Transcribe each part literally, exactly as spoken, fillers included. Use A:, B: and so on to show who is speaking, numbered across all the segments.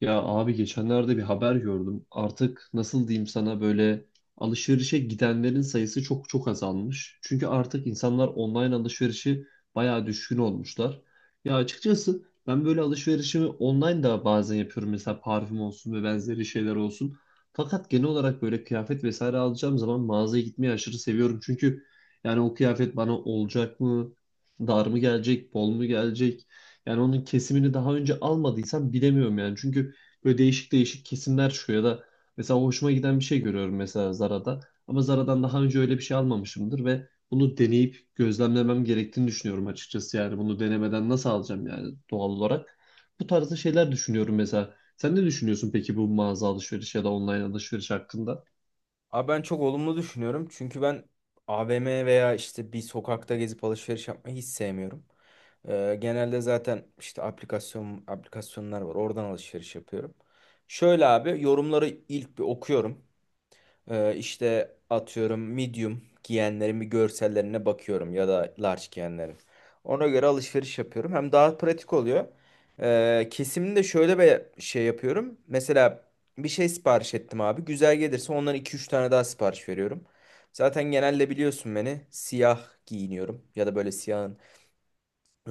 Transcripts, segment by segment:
A: Ya abi geçenlerde bir haber gördüm. Artık nasıl diyeyim sana böyle alışverişe gidenlerin sayısı çok çok azalmış. Çünkü artık insanlar online alışverişi bayağı düşkün olmuşlar. Ya açıkçası ben böyle alışverişimi online da bazen yapıyorum. Mesela parfüm olsun ve benzeri şeyler olsun. Fakat genel olarak böyle kıyafet vesaire alacağım zaman mağazaya gitmeyi aşırı seviyorum. Çünkü yani o kıyafet bana olacak mı? Dar mı gelecek? Bol mu gelecek? Yani onun kesimini daha önce almadıysam bilemiyorum yani. Çünkü Böyle değişik değişik kesimler çıkıyor ya da mesela hoşuma giden bir şey görüyorum mesela Zara'da. Ama Zara'dan daha önce öyle bir şey almamışımdır ve bunu deneyip gözlemlemem gerektiğini düşünüyorum açıkçası yani. Bunu denemeden nasıl alacağım yani doğal olarak. Bu tarzda şeyler düşünüyorum mesela. Sen ne düşünüyorsun peki bu mağaza alışveriş ya da online alışveriş hakkında?
B: Abi ben çok olumlu düşünüyorum. Çünkü ben A V M veya işte bir sokakta gezip alışveriş yapmayı hiç sevmiyorum. Ee, genelde zaten işte aplikasyon aplikasyonlar var. Oradan alışveriş yapıyorum. Şöyle abi, yorumları ilk bir okuyorum. Ee, işte atıyorum medium giyenlerin bir görsellerine bakıyorum ya da large giyenlerin. Ona göre alışveriş yapıyorum. Hem daha pratik oluyor. Ee, kesimde şöyle bir şey yapıyorum. Mesela bir şey sipariş ettim abi. Güzel gelirse ondan iki üç tane daha sipariş veriyorum. Zaten genelde biliyorsun, beni siyah giyiniyorum ya da böyle siyahın,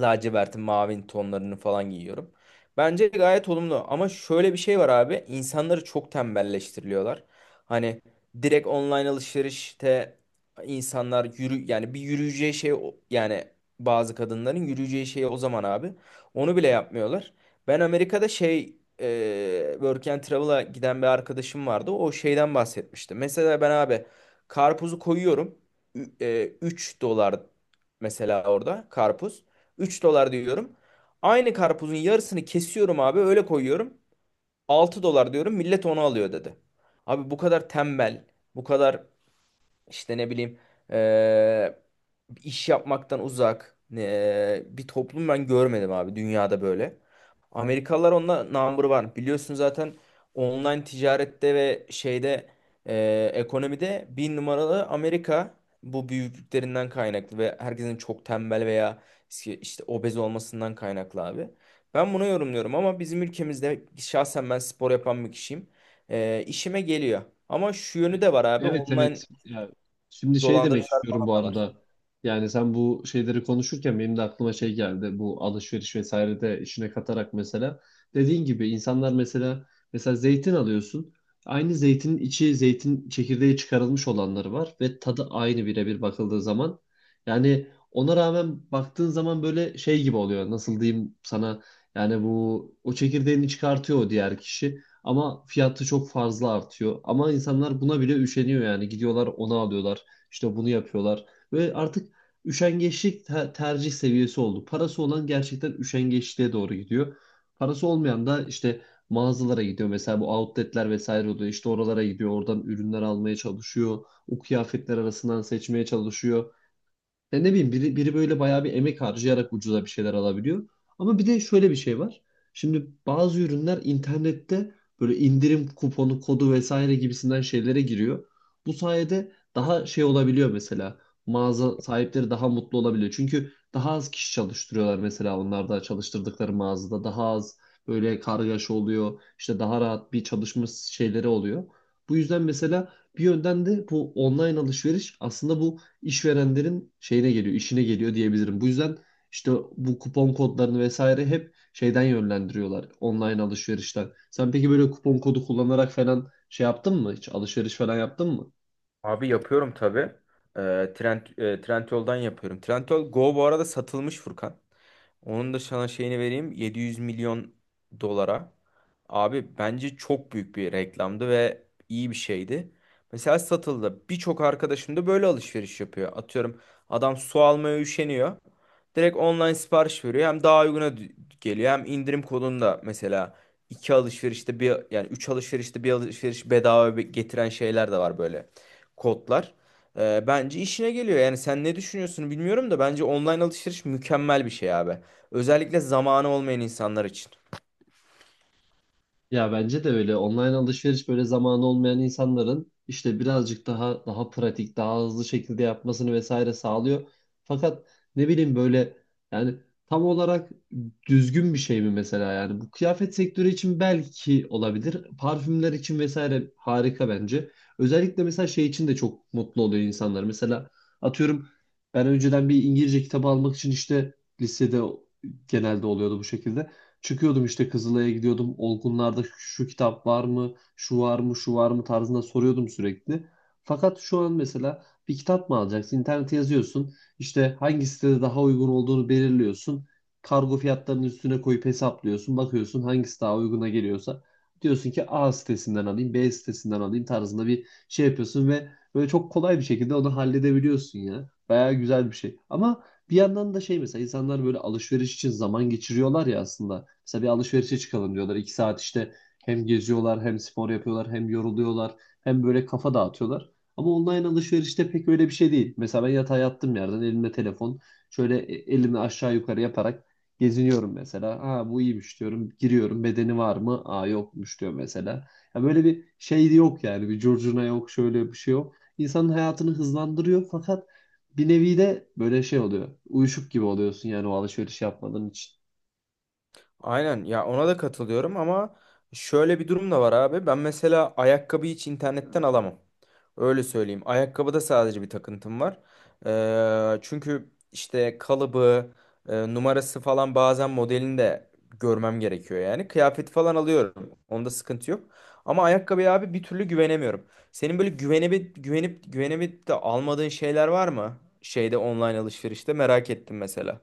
B: lacivertin, mavin tonlarını falan giyiyorum. Bence gayet olumlu, ama şöyle bir şey var abi. İnsanları çok tembelleştiriliyorlar. Hani direkt online alışverişte insanlar yürü, yani bir yürüyeceği şey, o- yani bazı kadınların yürüyeceği şey o zaman abi. Onu bile yapmıyorlar. Ben Amerika'da şey e, Work and Travel'a giden bir arkadaşım vardı. O şeyden bahsetmişti. Mesela ben abi, karpuzu koyuyorum, üç dolar mesela orada karpuz. 3 dolar diyorum. Aynı karpuzun yarısını kesiyorum abi, öyle koyuyorum. 6 dolar diyorum, millet onu alıyor dedi. Abi bu kadar tembel, bu kadar işte ne bileyim, eee, İş yapmaktan uzak e, bir toplum ben görmedim abi dünyada böyle. Amerikalılar onda number var. Biliyorsun zaten, online ticarette ve şeyde, e, ekonomide bir numaralı Amerika. Bu büyüklüklerinden kaynaklı ve herkesin çok tembel veya işte işte obez olmasından kaynaklı abi. Ben bunu yorumluyorum, ama bizim ülkemizde şahsen ben spor yapan bir kişiyim. E, işime geliyor. Ama şu yönü de var abi,
A: Evet,
B: online
A: evet. Ya, şimdi şey demek
B: dolandırıcılar
A: istiyorum
B: falan
A: bu
B: da var.
A: arada. Yani sen bu şeyleri konuşurken benim de aklıma şey geldi. Bu alışveriş vesaire de işine katarak mesela. Dediğin gibi insanlar mesela mesela zeytin alıyorsun. Aynı zeytinin içi zeytin çekirdeği çıkarılmış olanları var ve tadı aynı birebir bakıldığı zaman. Yani ona rağmen baktığın zaman böyle şey gibi oluyor. Nasıl diyeyim sana? Yani bu o çekirdeğini çıkartıyor o diğer kişi. Ama fiyatı çok fazla artıyor. Ama insanlar buna bile üşeniyor yani. Gidiyorlar onu alıyorlar. İşte bunu yapıyorlar. Ve artık üşengeçlik te- tercih seviyesi oldu. Parası olan gerçekten üşengeçliğe doğru gidiyor. Parası olmayan da işte mağazalara gidiyor. Mesela bu outletler vesaire oluyor. İşte oralara gidiyor. Oradan ürünler almaya çalışıyor. O kıyafetler arasından seçmeye çalışıyor. Ya ne bileyim biri, biri böyle bayağı bir emek harcayarak ucuza bir şeyler alabiliyor. Ama bir de şöyle bir şey var. Şimdi bazı ürünler internette böyle indirim kuponu, kodu vesaire gibisinden şeylere giriyor. Bu sayede daha şey olabiliyor mesela. Mağaza sahipleri daha mutlu olabiliyor. Çünkü daha az kişi çalıştırıyorlar mesela onlarda çalıştırdıkları mağazada. Daha az böyle kargaşa oluyor. İşte daha rahat bir çalışma şeyleri oluyor. Bu yüzden mesela bir yönden de bu online alışveriş aslında bu işverenlerin şeyine geliyor, işine geliyor diyebilirim. Bu yüzden işte bu kupon kodlarını vesaire hep şeyden yönlendiriyorlar online alışverişten. Sen peki böyle kupon kodu kullanarak falan şey yaptın mı hiç? Alışveriş falan yaptın mı?
B: Abi yapıyorum tabii. Ee, Trend, e, Trendyol'dan yapıyorum. Trendyol Go bu arada satılmış Furkan. Onun da sana şeyini vereyim. 700 milyon dolara. Abi bence çok büyük bir reklamdı ve iyi bir şeydi. Mesela satıldı. Birçok arkadaşım da böyle alışveriş yapıyor. Atıyorum adam su almaya üşeniyor. Direkt online sipariş veriyor. Hem daha uyguna d- geliyor, hem indirim kodunda mesela iki alışverişte bir, yani üç alışverişte bir alışveriş bedava be- getiren şeyler de var böyle kodlar. Ee, bence işine geliyor. Yani sen ne düşünüyorsun bilmiyorum da, bence online alışveriş mükemmel bir şey abi. Özellikle zamanı olmayan insanlar için.
A: Ya bence de öyle. Online alışveriş böyle zamanı olmayan insanların işte birazcık daha daha pratik, daha hızlı şekilde yapmasını vesaire sağlıyor. Fakat ne bileyim böyle yani tam olarak düzgün bir şey mi mesela yani bu kıyafet sektörü için belki olabilir. Parfümler için vesaire harika bence. Özellikle mesela şey için de çok mutlu oluyor insanlar. Mesela atıyorum ben önceden bir İngilizce kitabı almak için işte lisede genelde oluyordu bu şekilde. Çıkıyordum işte Kızılay'a gidiyordum. Olgunlarda şu kitap var mı, şu var mı, şu var mı tarzında soruyordum sürekli. Fakat şu an mesela bir kitap mı alacaksın? İnternete yazıyorsun. İşte hangi sitede daha uygun olduğunu belirliyorsun. Kargo fiyatlarının üstüne koyup hesaplıyorsun. Bakıyorsun hangisi daha uyguna geliyorsa. Diyorsun ki A sitesinden alayım, B sitesinden alayım tarzında bir şey yapıyorsun ve böyle çok kolay bir şekilde onu halledebiliyorsun ya. Bayağı güzel bir şey. Ama bir yandan da şey mesela insanlar böyle alışveriş için zaman geçiriyorlar ya aslında. Mesela bir alışverişe çıkalım diyorlar. iki saat işte hem geziyorlar hem spor yapıyorlar hem yoruluyorlar hem böyle kafa dağıtıyorlar. Ama online alışverişte pek öyle bir şey değil. Mesela ben yatağa yattım yerden elimde telefon şöyle e- elimi aşağı yukarı yaparak geziniyorum mesela. Ha bu iyiymiş diyorum. Giriyorum bedeni var mı? Aa yokmuş diyor mesela. Ya böyle bir şey yok yani bir curcuna yok şöyle bir şey yok. İnsanın hayatını hızlandırıyor fakat bir nevi de böyle şey oluyor. Uyuşuk gibi oluyorsun yani o alışveriş yapmadığın için.
B: Aynen ya, ona da katılıyorum, ama şöyle bir durum da var abi. Ben mesela ayakkabıyı hiç internetten alamam. Öyle söyleyeyim. Ayakkabıda sadece bir takıntım var. Ee, çünkü işte kalıbı, e, numarası falan, bazen modelini de görmem gerekiyor yani. Kıyafet falan alıyorum, onda sıkıntı yok. Ama ayakkabıya abi bir türlü güvenemiyorum. Senin böyle güvenip güvenip güvenip de almadığın şeyler var mı? Şeyde, online alışverişte merak ettim mesela.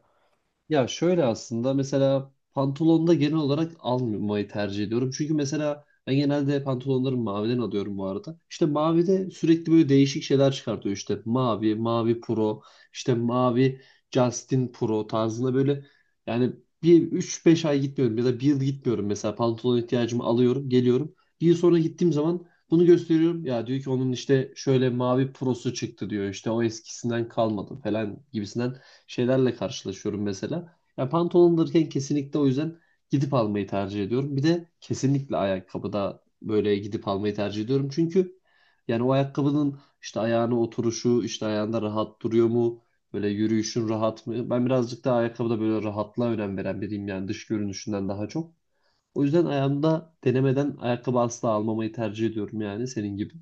A: Ya şöyle aslında mesela pantolonda genel olarak almayı tercih ediyorum. Çünkü mesela ben genelde pantolonları maviden alıyorum bu arada. İşte mavide sürekli böyle değişik şeyler çıkartıyor. İşte mavi, mavi pro, işte mavi Justin Pro tarzında böyle yani bir üç beş ay gitmiyorum ya da bir yıl gitmiyorum mesela pantolon ihtiyacımı alıyorum, geliyorum. Bir yıl sonra gittiğim zaman bunu gösteriyorum. Ya diyor ki onun işte şöyle mavi prosu çıktı diyor. İşte o eskisinden kalmadı falan gibisinden şeylerle karşılaşıyorum mesela. Ya pantolon alırken kesinlikle o yüzden gidip almayı tercih ediyorum. Bir de kesinlikle ayakkabıda böyle gidip almayı tercih ediyorum. Çünkü yani o ayakkabının işte ayağına oturuşu, işte ayağında rahat duruyor mu? Böyle yürüyüşün rahat mı? Ben birazcık daha ayakkabıda böyle rahatlığa önem veren biriyim yani dış görünüşünden daha çok. O yüzden ayağımda denemeden ayakkabı asla almamayı tercih ediyorum yani senin gibi.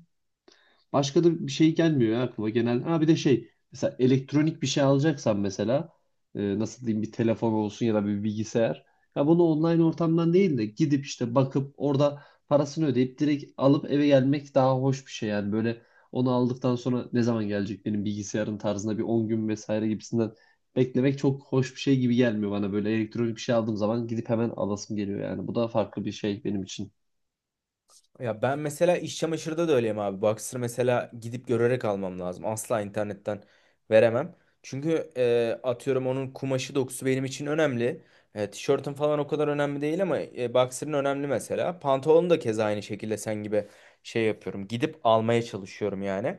A: Başka da bir şey gelmiyor ya aklıma genel. Ha bir de şey mesela elektronik bir şey alacaksan mesela e, nasıl diyeyim bir telefon olsun ya da bir bilgisayar. Ya bunu online ortamdan değil de gidip işte bakıp orada parasını ödeyip direkt alıp eve gelmek daha hoş bir şey yani böyle onu aldıktan sonra ne zaman gelecek benim bilgisayarın tarzında bir on gün vesaire gibisinden beklemek çok hoş bir şey gibi gelmiyor bana böyle elektronik bir şey aldığım zaman gidip hemen alasım geliyor yani bu da farklı bir şey benim için.
B: Ya ben mesela iş çamaşırda da öyleyim abi. Boxer mesela gidip görerek almam lazım. Asla internetten veremem. Çünkü e, atıyorum onun kumaşı, dokusu benim için önemli. E, tişörtün falan o kadar önemli değil, ama e, boxer'ın önemli mesela. Pantolonu da keza aynı şekilde sen gibi şey yapıyorum. Gidip almaya çalışıyorum yani.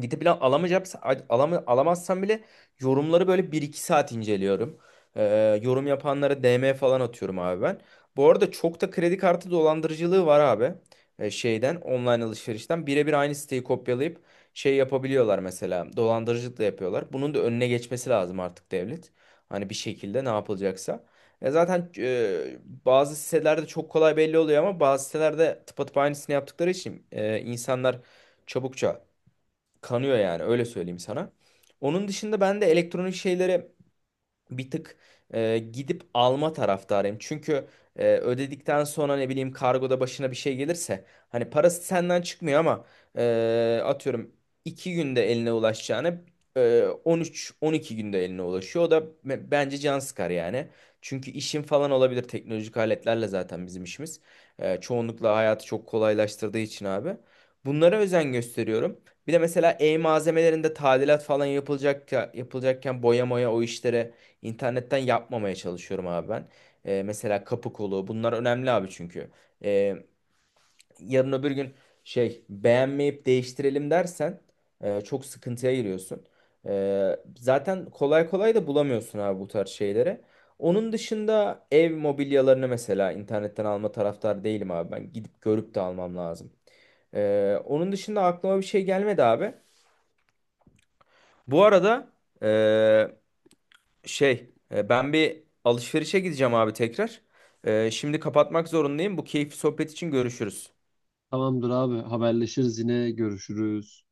B: Gidip plan alamayacaksa, alama- alamazsam bile, yorumları böyle bir iki saat inceliyorum. Ee, yorum yapanlara D M falan atıyorum abi ben. Bu arada çok da kredi kartı dolandırıcılığı var abi. Ee, şeyden, online alışverişten birebir aynı siteyi kopyalayıp şey yapabiliyorlar mesela, dolandırıcılık da yapıyorlar. Bunun da önüne geçmesi lazım artık devlet. Hani bir şekilde ne yapılacaksa. E zaten, e, bazı sitelerde çok kolay belli oluyor, ama bazı sitelerde tıpatıp aynısını yaptıkları için e, insanlar çabukça kanıyor, yani öyle söyleyeyim sana. Onun dışında ben de elektronik şeylere bir tık e, gidip alma taraftarıyım. Çünkü e, ödedikten sonra ne bileyim, kargoda başına bir şey gelirse, hani parası senden çıkmıyor, ama e, atıyorum iki günde eline ulaşacağını e, on üçe on iki günde eline ulaşıyor. O da be- bence can sıkar yani. Çünkü işin falan olabilir, teknolojik aletlerle zaten bizim işimiz. E, çoğunlukla hayatı çok kolaylaştırdığı için abi. Bunlara özen gösteriyorum. Bir de mesela ev malzemelerinde tadilat falan yapılacak yapılacakken, boya moya o işlere, İnternetten yapmamaya çalışıyorum abi ben. Ee, mesela kapı kolu, bunlar önemli abi çünkü. Ee, Yarın öbür gün şey, beğenmeyip değiştirelim dersen, e, çok sıkıntıya giriyorsun. Ee, zaten kolay kolay da bulamıyorsun abi bu tarz şeyleri. Onun dışında ev mobilyalarını mesela internetten alma taraftar değilim abi ben. Gidip görüp de almam lazım. Ee, onun dışında aklıma bir şey gelmedi abi. Bu arada, Şey, e, ben bir alışverişe gideceğim abi tekrar. E, şimdi kapatmak zorundayım. Bu keyifli sohbet için görüşürüz.
A: Tamamdır abi, haberleşiriz, yine görüşürüz.